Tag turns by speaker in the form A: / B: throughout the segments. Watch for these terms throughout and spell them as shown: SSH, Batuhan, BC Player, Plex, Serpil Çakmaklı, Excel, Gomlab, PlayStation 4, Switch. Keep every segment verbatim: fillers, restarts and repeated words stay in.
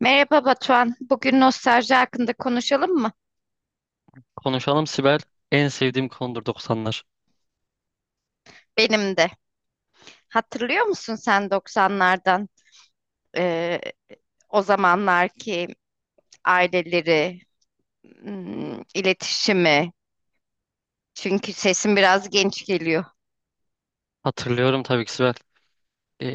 A: Merhaba Batuhan. Bugün nostalji hakkında konuşalım mı?
B: Konuşalım Sibel. En sevdiğim konudur doksanlar.
A: Benim de. Hatırlıyor musun sen doksanlardan eee, o zamanlarki aileleri, hmm, iletişimi? Çünkü sesin biraz genç geliyor.
B: Hatırlıyorum tabii ki Sibel. Ee,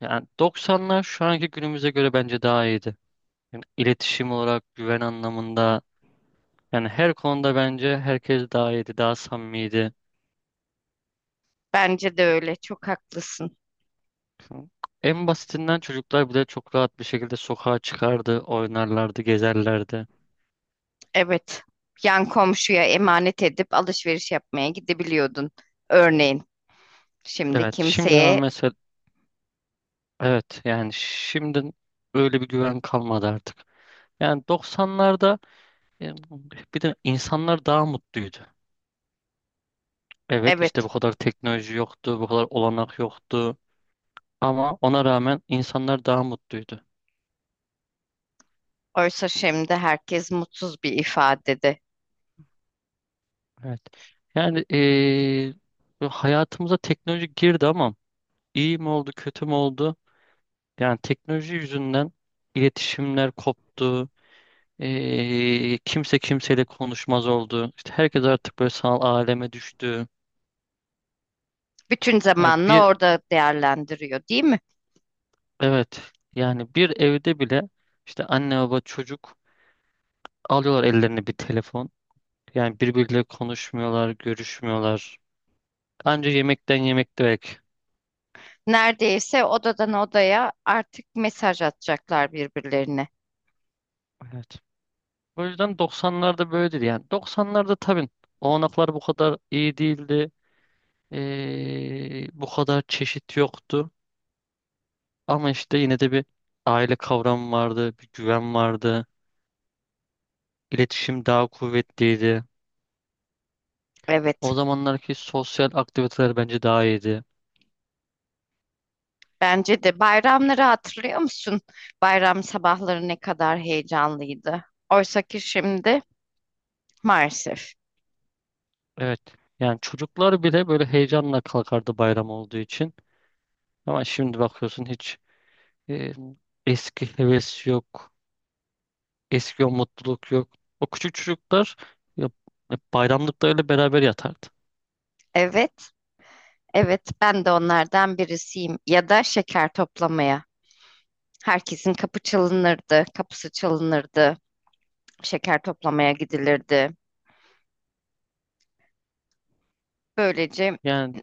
B: Yani doksanlar şu anki günümüze göre bence daha iyiydi. Yani iletişim olarak, güven anlamında, yani her konuda bence herkes daha iyiydi, daha samimiydi.
A: Bence de öyle. Çok haklısın.
B: En basitinden çocuklar bile çok rahat bir şekilde sokağa çıkardı, oynarlardı, gezerlerdi.
A: Evet. Yan komşuya emanet edip alışveriş yapmaya gidebiliyordun. Örneğin şimdi
B: Evet, şimdi ama
A: kimseye
B: mesela, evet yani şimdi öyle bir güven kalmadı artık. Yani doksanlarda e, bir de insanlar daha mutluydu. Evet, işte
A: evet.
B: bu kadar teknoloji yoktu, bu kadar olanak yoktu. Ama ona rağmen insanlar daha mutluydu.
A: Oysa şimdi herkes mutsuz bir ifadede.
B: Evet. Yani eee, bu hayatımıza teknoloji girdi ama iyi mi oldu, kötü mü oldu? Yani teknoloji yüzünden iletişimler koptu. Eee, kimse kimseyle konuşmaz oldu. İşte herkes artık böyle sanal aleme düştü.
A: Bütün
B: Yani
A: zamanını
B: bir
A: orada değerlendiriyor, değil mi?
B: Evet, yani bir evde bile işte anne baba çocuk alıyorlar ellerine bir telefon. Yani birbiriyle konuşmuyorlar, görüşmüyorlar. Anca yemekten yemek belki.
A: Neredeyse odadan odaya artık mesaj atacaklar birbirlerine.
B: Evet. O yüzden doksanlarda böyleydi. Yani doksanlarda tabii olanaklar bu kadar iyi değildi. Ee, bu kadar çeşit yoktu. Ama işte yine de bir aile kavramı vardı, bir güven vardı. İletişim daha kuvvetliydi.
A: Evet.
B: O zamanlarki sosyal aktiviteler bence daha iyiydi.
A: Bence de bayramları hatırlıyor musun? Bayram sabahları ne kadar heyecanlıydı. Oysa ki şimdi maalesef.
B: Evet. Yani çocuklar bile böyle heyecanla kalkardı bayram olduğu için. Ama şimdi bakıyorsun, hiç E, eski heves yok. Eski o mutluluk yok. O küçük çocuklar ya, ya bayramlıklarıyla beraber yatardı.
A: Evet. Evet, ben de onlardan birisiyim. Ya da şeker toplamaya. Herkesin kapı çalınırdı, kapısı çalınırdı, şeker toplamaya gidilirdi. Böylece
B: Yani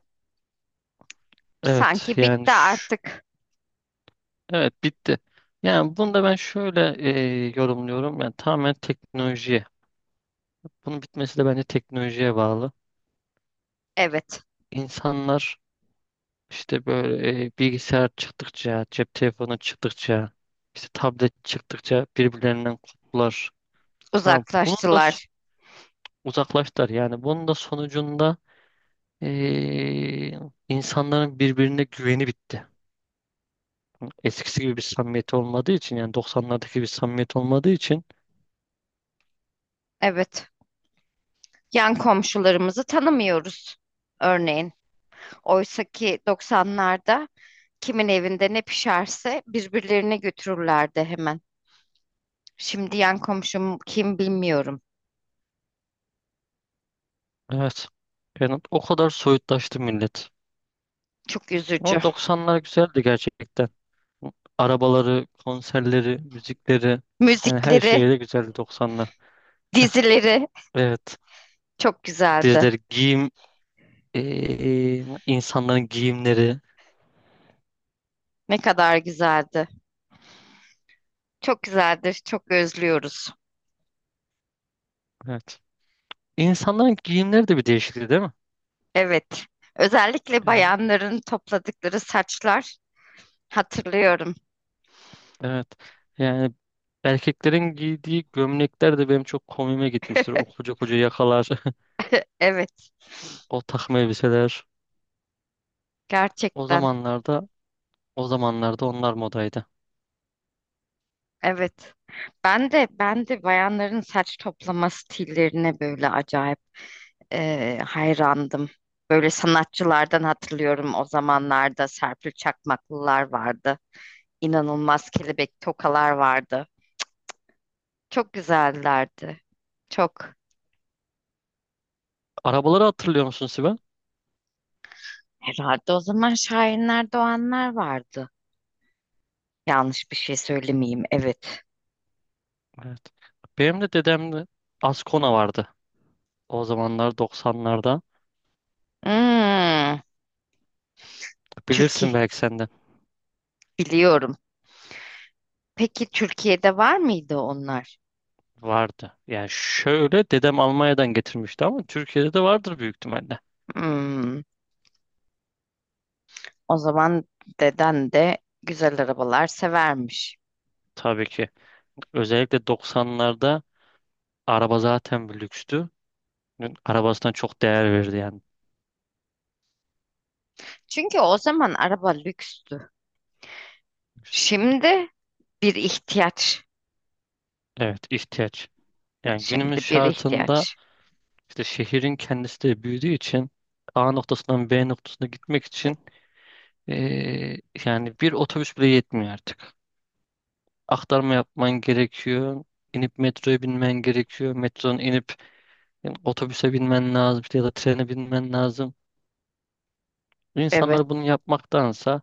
B: evet,
A: sanki
B: yani
A: bitti
B: şu,
A: artık.
B: evet bitti. Yani bunu da ben şöyle e, yorumluyorum. Yani tamamen teknolojiye. Bunun bitmesi de bence teknolojiye bağlı.
A: Evet,
B: İnsanlar İşte böyle e, bilgisayar çıktıkça, cep telefonu çıktıkça, işte tablet çıktıkça birbirlerinden koptular. Ya bunun da so-
A: uzaklaştılar.
B: uzaklaştılar. Yani bunun da sonucunda e, insanların birbirine güveni bitti. Eskisi gibi bir samimiyet olmadığı için, yani doksanlardaki bir samimiyet olmadığı için.
A: Evet, yan komşularımızı tanımıyoruz. Örneğin, oysa ki doksanlarda kimin evinde ne pişerse birbirlerine götürürlerdi hemen. Şimdi yan komşum kim bilmiyorum.
B: Evet. Yani o kadar soyutlaştı millet.
A: Çok üzücü.
B: Ama doksanlar güzeldi gerçekten. Arabaları, konserleri, müzikleri, yani her
A: Müzikleri,
B: şeyi de güzeldi doksanlar.
A: dizileri.
B: Evet.
A: Çok güzeldi.
B: Dizileri, giyim, eee, insanların giyimleri.
A: Ne kadar güzeldi. Çok güzeldir. Çok özlüyoruz.
B: Evet. İnsanların giyimleri de bir değişikti, değil mi?
A: Evet. Özellikle
B: Ya,
A: bayanların topladıkları saçlar hatırlıyorum.
B: evet. Yani erkeklerin giydiği gömlekler de benim çok komiğime gitmiştir. O koca koca yakalar,
A: Evet,
B: o takım elbiseler. O
A: gerçekten.
B: zamanlarda, o zamanlarda onlar modaydı.
A: Evet. Ben de ben de bayanların saç toplama stillerine böyle acayip eee, hayrandım. Böyle sanatçılardan hatırlıyorum, o zamanlarda Serpil Çakmaklılar vardı. İnanılmaz kelebek tokalar vardı. Çok güzellerdi. Çok.
B: Arabaları hatırlıyor musun Sibel?
A: Herhalde o zaman şairler, doğanlar vardı. Yanlış bir şey söylemeyeyim. Evet.
B: Evet. Benim de dedemde Ascona vardı. O zamanlar, doksanlarda.
A: Hmm,
B: Bilirsin
A: Türkiye.
B: belki sen de.
A: Biliyorum. Peki Türkiye'de var mıydı onlar?
B: Vardı. Yani şöyle, dedem Almanya'dan getirmişti ama Türkiye'de de vardır büyük ihtimalle.
A: Hmm, o zaman deden de güzel arabalar severmiş.
B: Tabii ki. Özellikle doksanlarda araba zaten bir lükstü. Arabasına çok değer verdi yani.
A: Çünkü o zaman araba lükstü. Şimdi bir ihtiyaç.
B: Evet, ihtiyaç. Yani günümüz
A: Şimdi bir
B: şartında
A: ihtiyaç.
B: işte şehrin kendisi de büyüdüğü için, A noktasından B noktasına gitmek için eee, yani bir otobüs bile yetmiyor artık. Aktarma yapman gerekiyor. İnip metroya binmen gerekiyor. Metronun inip Yani otobüse binmen lazım ya da trene binmen lazım.
A: Evet,
B: İnsanlar bunu yapmaktansa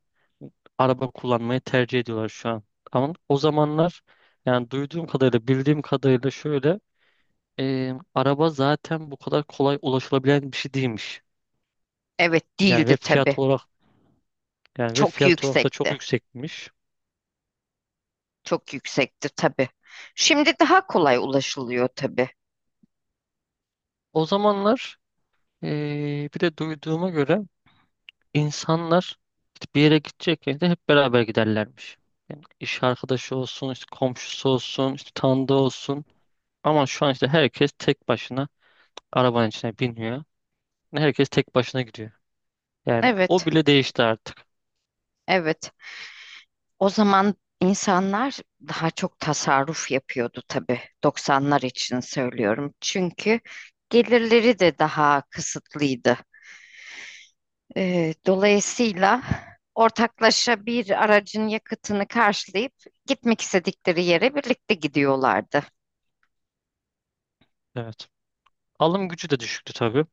B: araba kullanmayı tercih ediyorlar şu an. Ama o zamanlar, yani duyduğum kadarıyla, bildiğim kadarıyla şöyle, e, araba zaten bu kadar kolay ulaşılabilen bir şey değilmiş.
A: evet
B: Yani
A: değildi
B: ve
A: tabii.
B: fiyat olarak yani ve
A: Çok
B: fiyat olarak da çok
A: yüksekti.
B: yüksekmiş.
A: Çok yüksekti tabii. Şimdi daha kolay ulaşılıyor tabii.
B: O zamanlar e, bir de duyduğuma göre İnsanlar işte bir yere gidecekken de hep beraber giderlermiş. Yani iş arkadaşı olsun, işte komşusu olsun, işte tanıdığı olsun. Ama şu an işte herkes tek başına arabanın içine biniyor. Herkes tek başına gidiyor. Yani o
A: Evet,
B: bile değişti artık.
A: evet. O zaman insanlar daha çok tasarruf yapıyordu tabii. doksanlar için söylüyorum. Çünkü gelirleri de daha kısıtlıydı. Ee, dolayısıyla ortaklaşa bir aracın yakıtını karşılayıp gitmek istedikleri yere birlikte gidiyorlardı.
B: Evet. Alım gücü de düşüktü tabii.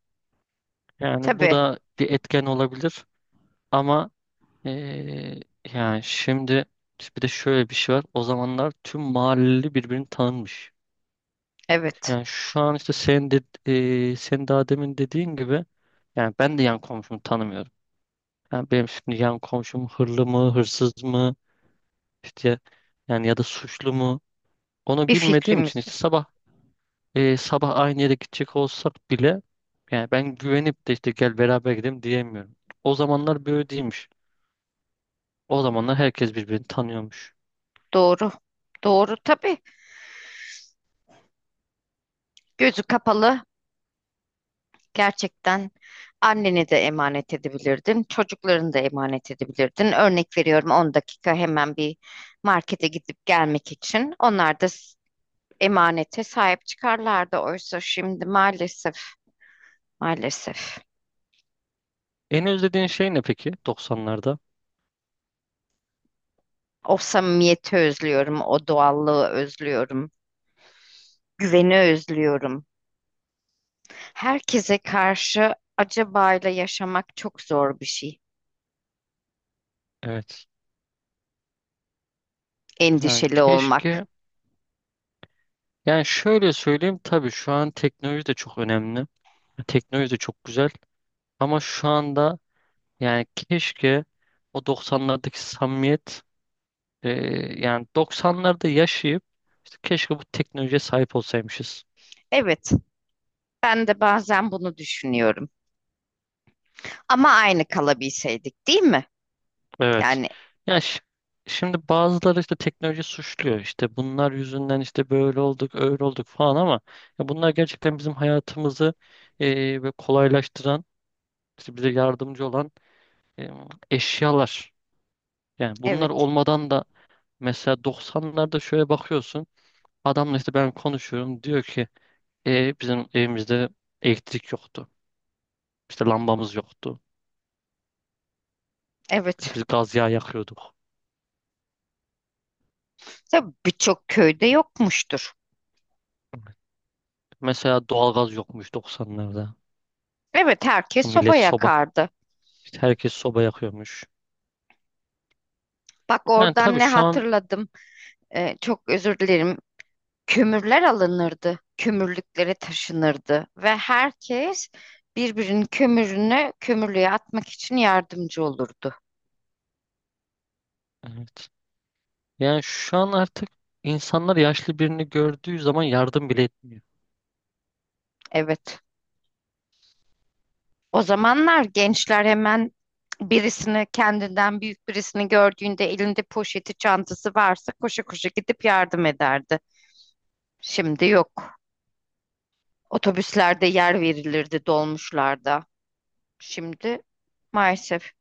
B: Yani bu
A: Tabii,
B: da bir etken olabilir. Ama eee, yani şimdi bir de şöyle bir şey var. O zamanlar tüm mahalleli birbirini tanınmış.
A: evet.
B: Yani şu an işte, sen de, e, senin daha demin dediğin gibi, yani ben de yan komşumu tanımıyorum. Yani benim şimdi yan komşum hırlı mı, hırsız mı, işte yani ya da suçlu mu, onu
A: Bir
B: bilmediğim için
A: fikrimiz
B: işte
A: yok.
B: sabah e, sabah aynı yere gidecek olsak bile yani ben güvenip de işte gel beraber gidelim diyemiyorum. O zamanlar böyle değilmiş. O zamanlar herkes birbirini tanıyormuş.
A: Doğru. Doğru tabii. Gözü kapalı gerçekten anneni de emanet edebilirdin, çocuklarını da emanet edebilirdin. Örnek veriyorum, on dakika hemen bir markete gidip gelmek için. Onlar da s- emanete sahip çıkarlardı. Oysa şimdi maalesef, maalesef.
B: En özlediğin şey ne peki Doksanlarda?
A: O samimiyeti özlüyorum, o doğallığı özlüyorum, güveni özlüyorum. Herkese karşı acabayla yaşamak çok zor bir şey.
B: Evet. Yani
A: Endişeli olmak.
B: keşke, yani şöyle söyleyeyim, tabii şu an teknoloji de çok önemli. Teknoloji de çok güzel. Ama şu anda yani keşke o doksanlardaki samimiyet, e, yani doksanlarda yaşayıp işte keşke bu teknolojiye sahip olsaymışız.
A: Evet, ben de bazen bunu düşünüyorum. Ama aynı kalabilseydik, değil mi?
B: Evet.
A: Yani
B: Ya şi- şimdi bazıları işte teknoloji suçluyor. İşte bunlar yüzünden işte böyle olduk, öyle olduk falan ama ya bunlar gerçekten bizim hayatımızı e, ve kolaylaştıran, işte bize yardımcı olan e, eşyalar. Yani bunlar
A: evet,
B: olmadan da, mesela doksanlarda şöyle bakıyorsun. Adamla işte ben konuşuyorum. Diyor ki, "E, Bizim evimizde elektrik yoktu. İşte lambamız yoktu.
A: evet.
B: Biz gaz yağı yakıyorduk.
A: Tabii birçok köyde yokmuştur.
B: Mesela doğalgaz yokmuş doksanlarda.
A: Evet, herkes soba
B: Millet soba.
A: yakardı.
B: İşte herkes soba yakıyormuş.
A: Bak
B: Yani
A: oradan
B: tabii
A: ne
B: şu an
A: hatırladım. Ee, çok özür dilerim. Kömürler alınırdı, kömürlüklere taşınırdı ve herkes birbirinin kömürünü kömürlüğe atmak için yardımcı olurdu.
B: evet. Yani şu an artık insanlar yaşlı birini gördüğü zaman yardım bile etmiyor.
A: Evet. O zamanlar gençler hemen birisini, kendinden büyük birisini gördüğünde elinde poşeti, çantası varsa koşa koşa gidip yardım ederdi. Şimdi yok. Otobüslerde yer verilirdi, dolmuşlarda. Şimdi maalesef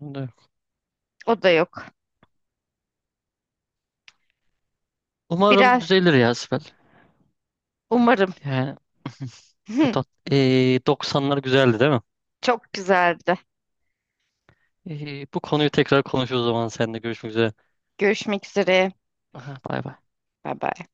B: Evet.
A: o da yok.
B: Umarım
A: Biraz
B: düzelir ya Sibel.
A: umarım
B: Yani Atat, ee, doksanlar güzeldi, değil mi?
A: çok güzeldi.
B: Ee, bu konuyu tekrar konuşuruz, o zaman seninle görüşmek üzere.
A: Görüşmek üzere.
B: Aha, bay bay.
A: Bye bye.